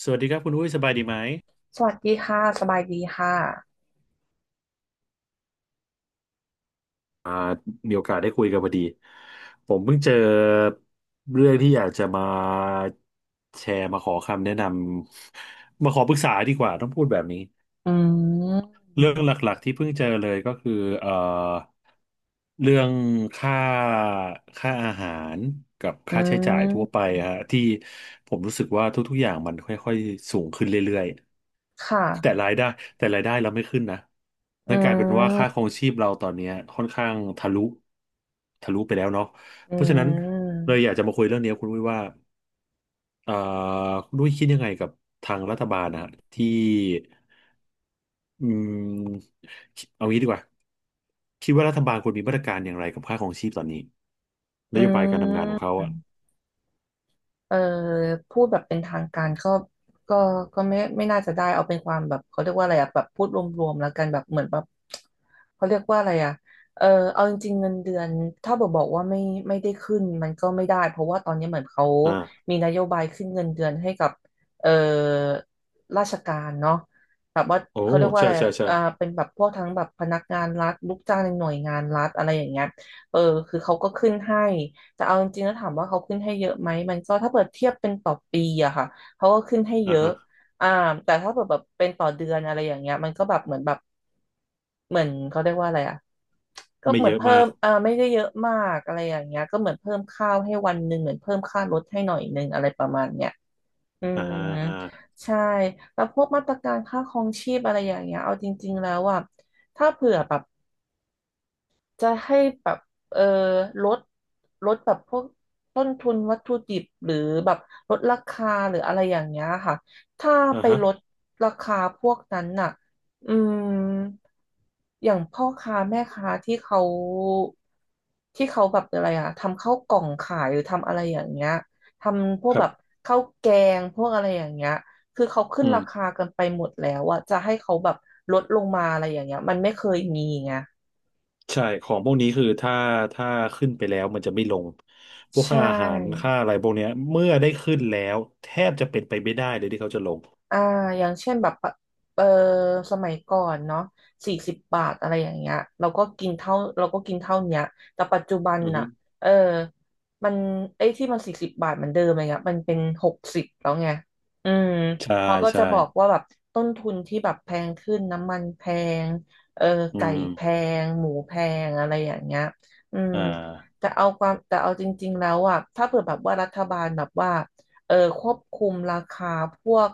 สวัสดีครับคุณอุ้ยสบายดีไหมสวัสดีค่ะ สบายดีค่ะ อ่ามีโอกาสได้คุยกันพอดีผมเพิ่งเจอเรื่องที่อยากจะมาแชร์มาขอคำแนะนำมาขอปรึกษาดีกว่าต้องพูดแบบนี้ อืเรื่องม หลักๆที่เพิ่งเจอเลยก็คือเอ่อเรื่องค่าค่าอาหารกับอืค่าใช้จ่ายม ทั่วไปฮะที่ผมรู้สึกว่าทุกๆอย่างมันค่อยๆสูงขึ้นเรื่อยคๆแต่่ะ รายได้แต่รายได้เราไม่ขึ้นนะอืนั่นกลายเป็นว่าค่าคม รองชีพเราตอนเนี้ยค่อนข้างทะลุไปแล้วเนาะอืเพราะฉะนั้นเลยม อยากจะมาคุยเรื่องนี้กับคุณด้วยว่าเอ่อคุณด้วยคิดยังไงกับทางรัฐบาลนะฮะที่ อืมเอางี้ดีกว่าคิดว่ารัฐบาลควรมีมาตรการอย่างไรกับค่าครองชีพตอนนี้นอโยบายการทำงานืของเขาอ่ะม อพูดแบบเป็นทางการก็ก็ก็ไม่น่าจะได้เอาเป็นความแบบเขาเรียกว่าอะไรอะแบบพูดรวมๆแล้วกันแบบเหมือนแบบเขาเรียกว่าอะไรอะเออเอาจริงๆเงินเดือนถ้าบอกว่าไม่ได้ขึ้นมันก็ไม่ได้เพราะว่าตอนนี้เหมือนเขาอ่ามีนโยบายขึ้นเงินเดือนให้กับเออราชการเนาะแบบว่าโอ้เขาเรียกว่าใช่อะไรใช่อะใช่อ่าเป็นแบบพวกทั้งแบบพนักงานรัฐลูกจ้างในหน่วยงานรัฐอะไรอย่างเงี้ยเออคือเขาก็ขึ้นให้ แต่เอาจริงๆแล้วถามว่าเขาขึ้นให้เยอะไหมมันก็ถ้าเปิดเทียบเป็นต่อปีอะค่ะเขาก็ขึ้นให้เยอ่าอะฮะอ่าแต่ถ้าเปิดแบบเป็นต่อเดือนอะไรอย่างเงี้ยมันก็แบบเหมือนแบบเหมือนเขาเรียกว่าอะไรอะก็ไม่เหมือเยนอะเพิ่มามกไม่ได้เยอะมากอะไรอย่างเงี้ยก็เหมือนเพิ่มข้าวให้วันหนึ่งเหมือนเพิ่มค่ารถให้หน่อยหนึ่งอะไรประมาณเนี้ยอือ่มาใช่แล้วพวกมาตรการค่าครองชีพอะไรอย่างเงี้ยเอาจริงๆแล้วอะถ้าเผื่อแบบ จะให้แบบเออลดลดแบบพวกต้นทุนวัตถุดิบหรือแบบลดราคาหรืออะไรอย่างเงี้ยค่ะถ้าอ่าไปฮะลดราคาพวกนั้นน่ะอืมอย่างพ่อค้าแม่ค้าที่เขาแบบอะไรอะทำข้าวกล่องขายหรือทำอะไรอย่างเงี้ยทำพวกครัแบบบข้าวแกงพวกอะไรอย่างเงี้ยคือเขาขึ้อืนมราคากันไปหมดแล้วอะจะให้เขาแบบลดลงมาอะไรอย่างเงี้ยมันไม่เคยมีไง ใช่ของพวกนี้คือถ้าขึ้นไปแล้วมันจะไม่ลงพวกใชค่าอาหาร่ค่าอะไรพวกเนี้ยเมื่อได้ขึ้นแล้วแทบจะเป็นไปไม่ได้เลยที่เขาจะลงอ่าอย่างเช่นแบบปะเออสมัยก่อนเนาะสี่สิบบาทอะไรอย่างเงี้ยเราก็กินเท่าเราก็กินเท่าเนี้ยแต่ปัจจุบันอือฮึน่ะเออมันไอ้ที่มันสี่สิบบาทเหมือนเดิมอะไรเงี้ยมันเป็นหกสิบแล้วไงอืมใช่เขาก็จะใช่บอกว่าแบบต้นทุนที่แบบแพงขึ้นน้ำมันแพงเอออืไก่มแพง หมูแพงอะไรอย่างเงี้ยอืมอ่าแต่เอาความแต่เอาจริงๆแล้วอ่ะถ้าเผื่อแบบว่ารัฐบาลแบบว่า เออควบคุมราคาพวก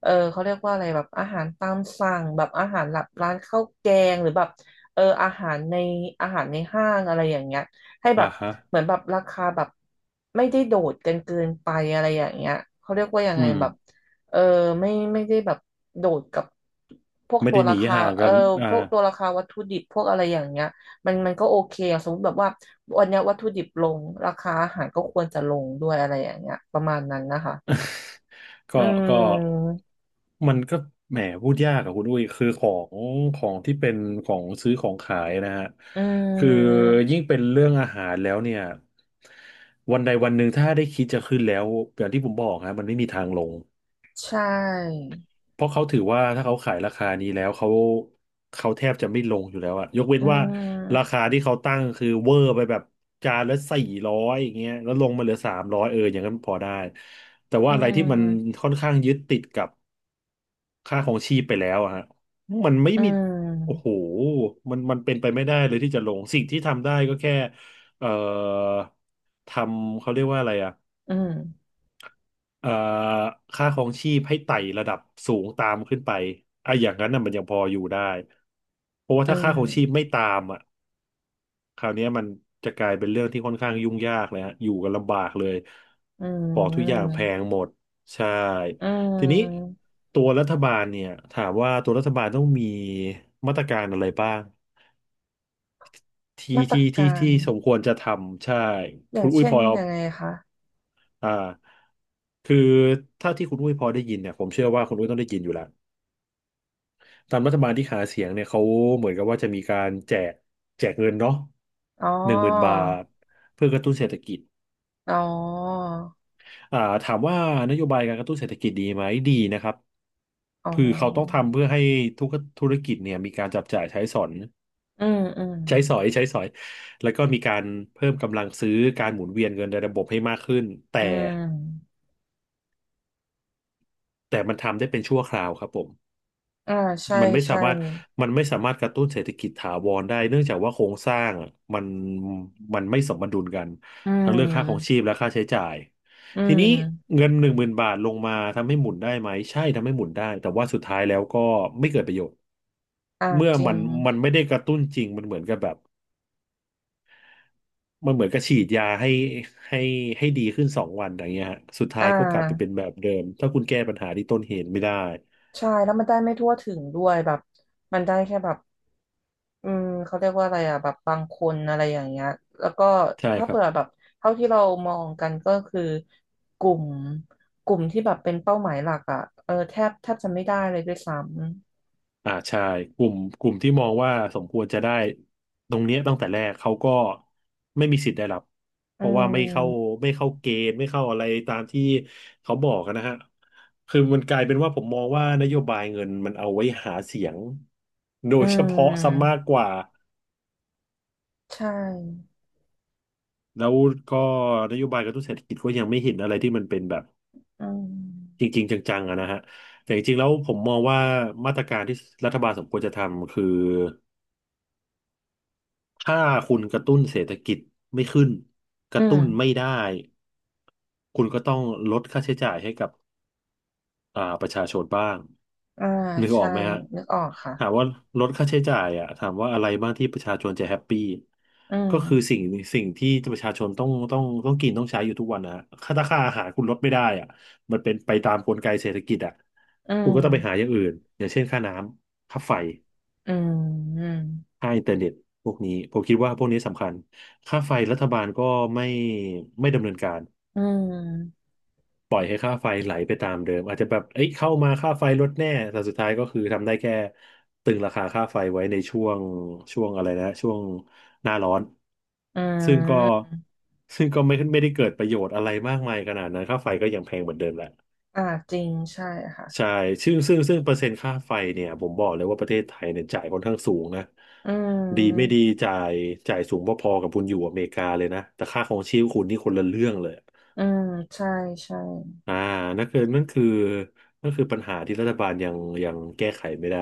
เออเขาเรียกว่าอะไรแบบอาหารตามสั่งแบบอาหารหับร้านข้าวแกงหรือแบบเอออาหารในห้างอะไรอย่างเงี้ยให้แบอ่าบฮะเหมือนแบบราคาแบบไม่ได้โดดกันเกินไปอะไรอย่างเงี้ยเขาเรียกว่ายังอืไงมแบบเออไม่ได้แบบโดดกับพวกไม่ตัวได้หรานีคาห่างเอกัอนอ่า พวกตัวราคาวัตถุดิบพวกอะไรอย่างเงี้ย มันก็โอเคอะสมมติแบบว่าวันเนี้ยวัตถุดิบลงราคาอาหารก็ควรจะลงด้วยอะไรอย่างเงี้ยประมาณนั้นนะคะ ก็อืก็มมันก็แหมพูดยากอะคุณอุ้ยคืองของที่เป็นของซื้อของขายนะฮะอืคือมยิ่งเป็นเรื่องอาหารแล้วเนี่ยวันใดวันหนึ่งถ้าได้คิดจะขึ้นแล้วอย่างที่ผมบอกฮะมันไม่มีทางลง ใช่เพราะเขาถือว่าถ้าเขาขายราคานี้แล้วเขาแทบจะไม่ลงอยู่แล้วอะยกเว้นอืว่ารามคาที่เขาตั้งคือเวอร์ไปแบบจานละ400อย่างเงี้ยแล้วลงมาเหลือ300เอออย่างนั้นพอได้แต่อืว่าอะไรที่มันมค่อนข้างยึดติดกับค่าของชีพไปแล้วอะฮะมันไม่อืมีโอ้โหมมันเป็นไปไม่ได้เลยที่จะลงสิ่งที่ทำได้ก็แค่เอ่อทำเขาเรียกว่าอะไรอะ อืมเอ่อค่าครองชีพให้ไต่ระดับสูงตามขึ้นไปอ่ะอย่างนั้นน่ะมันยังพออยู่ได้เพราะว่าอืถ้าค่ามครองชีพไม่ตามอ่ะคราวเนี้ยมันจะกลายเป็นเรื่องที่ค่อนข้างยุ่งยากเลยฮะอยู่กันลำบากเลยอืของทุกอย่างมแพงหมดใช่อืทีนี้มตัวรัฐบาลเนี่ยถามว่าตัวรัฐบาลต้องมีมาตรการอะไรบ้างที่มาตรที่กาที่รที่สมควรจะทำใช่อย่าคุงณอุ้ยเช่พนอยังไงคะอ่าคือถ้าที่คุณอุ้ยพอได้ยินเนี่ยผมเชื่อว่าคุณอุ้ยต้องได้ยินอยู่แล้ว ตามรัฐบาลที่หาเสียงเนี่ยเขาเหมือนกับว่าจะมีการแจกเงินเนาะอ๋อหนึ่งหมื่นบาทเพื่อกระตุ้นเศรษฐกิจอ๋ออ่าถามว่านโยบายการกระตุ้นเศรษฐกิจดีไหมดีนะครับอ๋คือเขาต้องอทำเพื่อให้ทุกธุรกิจเนี่ยมีการจับจ่ายใช้สอยอืมอืมใช้สอยใช้สอยแล้วก็มีการเพิ่มกำลังซื้อการหมุนเวียนเงินในระบบให้มากขึ้นแต่อืมแต่มันทำได้เป็นชั่วคราวครับผม อ่าใช่มันไม่สาใช่มารถมันไม่สามารถกระตุ้นเศรษฐกิจถาวรได้เนื่องจากว่าโครงสร้างอะมันมันไม่สมดุลกันอืทั้งเรื่องค่าของชีพม และค่าใช้จ่ายอืทีนี้ม เงินหนึ่งหมื่นบาทลงมาทำให้หมุนได้ไหมใช่ทำให้หมุนได้แต่ว่าสุดท้ายแล้วก็ไม่เกิดประโยชน์อ่าเมื่อจริมัง นมันไม่ได้กระตุ้นจริงมันเหมือนกับแบบมันเหมือนกับฉีดยาให้ให้ดีขึ้น2 วันอย่างเงี้ยฮะสุดอ่ท้ายก็กลับไปเป็นาแบบเดิมถ้าคุณแก้ปัญหาที่ต้นเหตุไม่ได้ใช่แล้วมันได้ไม่ทั่วถึงด้วยแบบมันได้แค่แบบอืมเขาเรียกว่าอะไรอ่ะแบบบางคนอะไรอย่างเงี้ยแล้วก็ใช่ถ้าครัเปิบ ดแบบเท่าที่เรามองกันก็คือกลุ่มกลุ่มที่แบบเป็นเป้าหมายหลักอ่ะเออแทบจะไม่ได้เลยด้วยซ้อ่าใช่กลุ่มที่มองว่าสมควรจะได้ตรงเนี้ยตั้งแต่แรกเขาก็ไม่มีสิทธิ์ได้รับำเพอืราะว่าไม่เข้ามไม่เข้าเกณฑ์ไม่เข้าอะไรตามที่เขาบอกกันนะฮะคือมันกลายเป็นว่าผมมองว่านโยบายเงินมันเอาไว้หาเสียงโดอืยเฉพาะซะมมากกว่าใช่แล้วก็นโยบายกระตุ้นเศรษฐกิจก็ยังไม่เห็นอะไรที่มันเป็นแบบอืจมริงๆจังๆอะนะฮะแต่จริงๆแล้วผมมองว่ามาตรการที่รัฐบาลสมควรจะทำคือ ถ้าคุณกระตุ้นเศรษฐกิจไม่ขึ้นกอืระตุ้นไม่มได้คุณก็ต้องลดค่าใช้จ่ายให้กับประชาชนบ้างอ่านึกออใช่กไหมฮะนึกออกค่ะถามว่าลดค่าใช้จ่ายอ่ะถามว่าอะไรบ้างที่ประชาชนจะแฮปปี้อืก็มคือสิ่งที่ประชาชนต้องกินต้องใช้อยู่ทุกวันนะฮะค่าราคาอาหารคุณลดไม่ได้อ่ะมันเป็นไปตามกลไกเศรษฐกิจอ่ะอืคุณมก็ต้องไปหาอย่างอื่นอย่างเช่นค่าน้ำค่าไฟ อืมค่าอินเทอร์เน็ตพวกนี้ผมคิดว่าพวกนี้สำคัญค่าไฟรัฐบาลก็ไม่ไม่ดำเนินการอืม ปล่อยให้ค่าไฟไหลไปตามเดิมอาจจะแบบเอ้ยเข้ามาค่าไฟลดแน่แต่สุดท้ายก็คือทำได้แค่ตึงราคาค่าไฟไว้ในช่วงช่วงอะไรนะช่วงหน้าร้อนอืซึ่งก็มซึ่งก็ไม่ได้เกิดประโยชน์อะไรมากมายขนาดนั้นค่าไฟก็ยังแพงเหมือนเดิมแหละ อ่าจริงใช่ค่ะ ใช่ซึ่งเปอร์เซ็นต์ค่าไฟเนี่ยผมบอกเลยว่าประเทศไทยเนี่ยจ่ายค่อนข้างสูงนะอืดีไม่ม ดีจ่ายจ่ายสูงพอๆกับคุณอยู่อเมริกาเลยนะแต่ค่าของชีพคุณนี่คนละเรื่องเลยอืม ใช่ใช่ อ่านั่นคือนั่นคือนั่นคือปัญหาที่รัฐบาลยังแก้ไขไม่ได้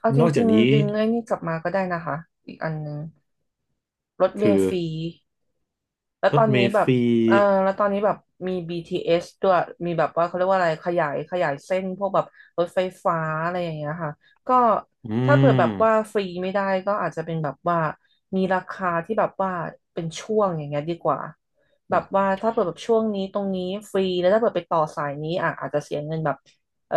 เอาจนอกจาริกงนี้ๆดึงไอ้นี่กลับมาก็ได้นะคะ อีกอันหนึงรถเมคือล์ฟรี แล้วรตอถนเมนี้ล์แบฟบรีเออแล้วตอนนี้แบบมี BTS ด้วยมีแบบว่าเขาเรียกว่าอะไรขยายเส้นพวกแบบรถไฟฟ้าอะไรอย่างเงี้ยค่ะก็อืถ้าเผื่อแบมบว่าฟรีไม่ได้ ก็อาจจะเป็นแบบว่ามีราคาที่แบบว่าเป็นช่วงอย่างเงี้ยดีกว่าแบอืมบว่าถ้าเปิดแบบช่วงนี้ตรงนี้ฟรีแล้วถ้าเปิดไปต่อสายนี้อ่ะอาจจะเสียเงินแบบเออ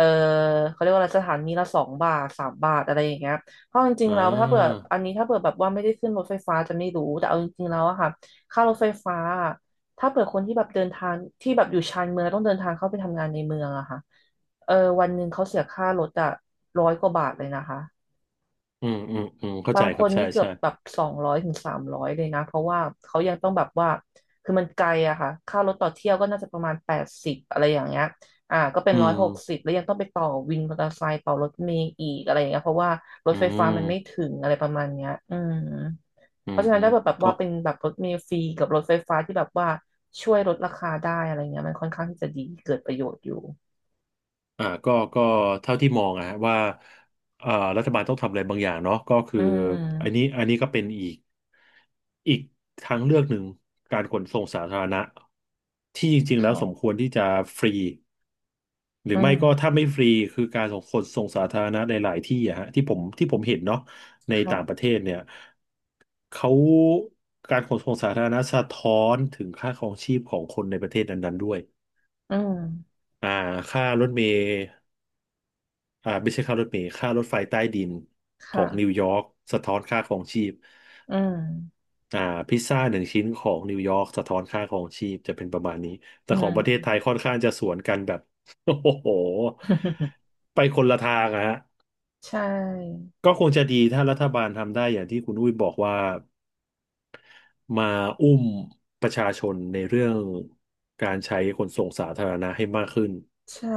เขาเรียกว่าอะไรสถานีละ2 บาท 3 บาทอะไรอย่างเงี้ยเพราะจริงๆอ่าแล้วถ้าเปิดออันนี้ถ้าเปิดแบบว่าไม่ได้ขึ้นรถไฟฟ้าจะไม่รู้แต่เอาจริงๆแล้วอะค่ะ ค่ารถไฟฟ้าถ้าเผื่อคนที่แบบเดินทางที่แบบอยู่ชานเมืองแล้วต้องเดินทางเข้าไปทำงานในเมืองอะค่ะเออวันหนึ่งเขาเสียค่ารถอะร้อยกว่าบาทเลยนะคะอืมอืมอืมเข้าบาใจงคครับนใช่นี่เกือใช่บแบบ200 ถึง 300เลยนะเพราะว่าเขายังต้องแบบว่าคือมันไกลอะค่ะค่ารถต่อเที่ยวก็น่าจะประมาณ80อะไรอย่างเงี้ยอ่าก็เป็นอืร้อยมหกสิบแล้วยังต้องไปต่อวินมอเตอร์ไซค์ต่อรถเมล์อีกอะไรอย่างเงี้ยเพราะว่ารถอืไฟฟ้ามมันไม่ถึงอะไรประมาณเนี้ยอืม อืเพมราะฉะนั้นถ้าแบบแบบก็ ว่าเป็นแบบรถเมล์ฟรีกับรถไฟฟ้าที่แบบว่าช่วยลดราคาได้อะไรเงี้ยมันค่อนข้างที่จะดีเกิดประโยชน์อยู่ก็เท่าที่มองอะฮะว่าเอ่อรัฐบาลต้องทำอะไรบางอย่างเนาะก็คือืออันนี้มอันนี้ก็เป็นอีกทางเลือกหนึ่งการขนส่งสาธารณะที่จริงๆแล้วสมค่ะควรที่จะฟรีหรืออืไม่ก็มถ้าไม่ฟรีคือการส่งขนส่งสาธารณะในหลายที่อะฮะที่ผมเห็นเนาะในต่างปค่ะระเทศเนี่ยเขาการขนส่งสาธารณะสะท้อนถึงค่าครองชีพของคนในประเทศนั้นๆด้วยอืมอ่าค่ารถเมล์ อ่าไม่ใช่ค่ารถเมล์ค่ารถไฟใต้ดินของนิวค่ะยอร์กสะท้อนค่าของชีพอืม อ่าพิซซ่าหนึ่งชิ้นของนิวยอร์กสะท้อนค่าของชีพจะเป็นประมาณนี้ แต่อืของประเทศม ไทยค่อนข้างจะสวนกันแบบ โอ้โหไปคนละทางอะฮะ ใช่ ก็คงจะดีถ้ารัฐบาลทำได้อย่างที่คุณอุ้ยบอกว่ามาอุ้มประชาชนในเรื่องการใช้ขนส่งสาธารณะให้มากขึ้นใช่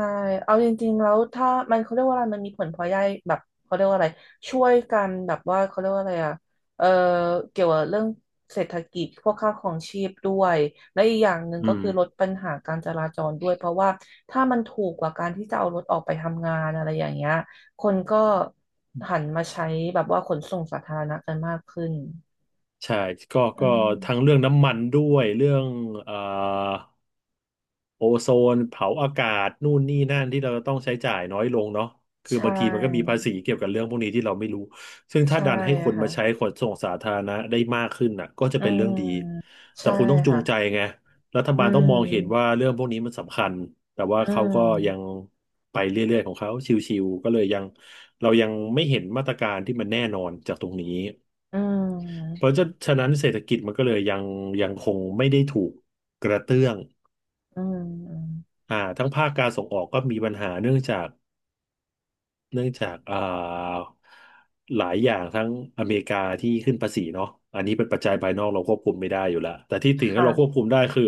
เอาจริงๆแล้วถ้ามันเขาเรียกว่าอะไรมันมีผลพลอยได้แบบเขาเรียกว่าอะไรช่วยกันแบบว่าเขาเรียกว่าอะไรอ่ะ เออเกี่ยวกับเรื่องเศรษฐกิจพวกค่าครองชีพด้วยและอีกอย่างหนึ่งอืก็มคือลดปัญหาการจราจรด้วยเพราะว่าถ้ามันถูกกว่าการที่จะเอารถออกไปทำงานอะไรอย่างเงี้ยคนก็หันมาใช้แบบว่าขนส่งสาธารณะกันมากขึ้นใช่ก็อืก็ทั้งมเรื่องน้ำมันด้วยเรื่องเอ่อ โอโซนเผาอากาศนู่นนี่นั่นที่เราต้องใช้จ่ายน้อยลงเนาะคือใช่บางทีมันก็มีภาษีเกี่ยวกับเรื่องพวกนี้ที่เราไม่รู้ซึ่งถ้าใช่ดันให้คนค่ะมาใช้ขนส่งสาธารณะได้มากขึ้นน่ะก็จะอืเป็นเรื่องมดีแต่ใช่คุณต้องจูค่ะงใจไงรัฐอืบาลต้องมองเห็นว่ามเรื่องพวกนี้มันสำคัญแต่ว่าอืเขาก็ยังม ไปเรื่อยๆของเขาชิวๆก็เลยยังเรายังไม่เห็นมาตรการที่มันแน่นอนจากตรงนี้อืเพมราะฉะนั้นเศรษฐกิจมันก็เลยยังคงไม่ได้ถูกกระเตื้อง อืม อืม ทั้งภาคการส่งออกก็มีปัญหาเนื่องจากหลายอย่างทั้งอเมริกาที่ขึ้นภาษีเนาะอันนี้เป็นปัจจัยภายนอกเราควบคุมไม่ได้อยู่แล้วแต่ที่คถึงแล้วเราควบ่ะคุมได้คือ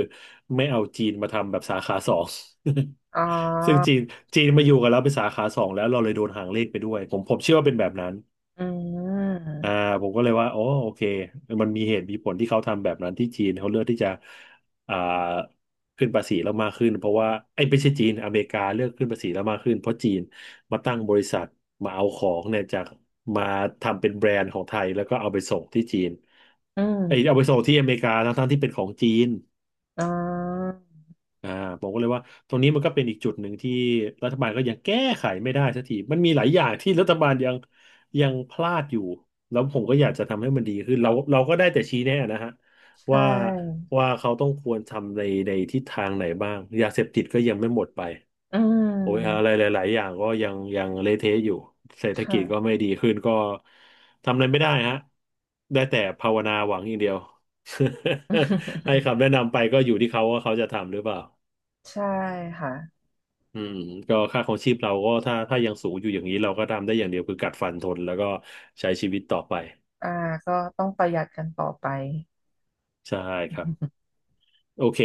ไม่เอาจีนมาทำแบบสาขาสอง อ๋อ ซึ่งจีนจีนมาอยู่กับเราเป็นสาขาสองแล้วเราเลยโดนหางเลขไปด้วยผมเชื่อว่าเป็นแบบนั้น อืม อ่าผมก็เลยว่าอ๋อโอเคมันมีเหตุมีผลที่เขาทำแบบนั้นที่จีนเขาเลือกที่จะอ่าขึ้นภาษีแล้วมากขึ้นเพราะว่าไอ้ยไม่ใช่จีนอเมริกาเลือกขึ้นภาษีแล้วมากขึ้นเพราะจีนมาตั้งบริษัทมาเอาของเนี่ยจากมาทำเป็นแบรนด์ของไทยแล้วก็เอาไปส่งที่จีนอืมไอ้ยเอาไปส่งที่อเมริกาทั้งๆที่เป็นของจีน อ๋ออ่าผมก็เลยว่าตรงนี้มันก็เป็นอีกจุดหนึ่งที่รัฐบาลก็ยังแก้ไขไม่ได้สักทีมันมีหลายอย่างที่รัฐบาลยังพลาดอยู่แล้วผมก็อยากจะทำให้มันดีขึ้นเราก็ได้แต่ชี้แนะนะฮะใชว่า่ ว่าเขาต้องควรทำในทิศทางไหนบ้างยาเสพติดก็ยังไม่หมดไปอืโอ้ยอะไรม หลายๆอย่างก็ยังเละเทะอยู่เศรษฐกิค่ะ จก็ไม่ดีขึ้นก็ทำอะไรไม่ได้ฮะได้แต่ภาวนาหวังอย่างเดียว ให้คำแนะนำไปก็อยู่ที่เขาว่าเขาจะทำหรือเปล่า ใช่ค่ะอืมก็ค่าของชีพเราก็ถ้ายังสูงอยู่อย่างนี้เราก็ทำได้อย่างเดียวคือกัดฟันทนแล้วก็ใช้ชีวิตต่อไปอ่าก็ต้องประหยัดกันต่อไป ใช่ครับโอเค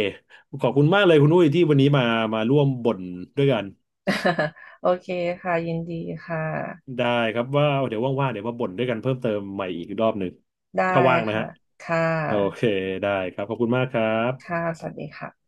ขอบคุณมากเลยคุณอุ้ยที่วันนี้มาร่วมบ่นด้วยกัน โอเคค่ะ ยินดีค่ะ ได้ครับว่าเดี๋ยวว่างๆเดี๋ยวมาบ่นด้วยกันเพิ่มเติมใหม่อีกรอบหนึ่งได้ถ้าว่างนะค่ะ ฮะค่ะ โอเคได้ครับขอบคุณมากครัค่ะ บสวัสดีค่ะ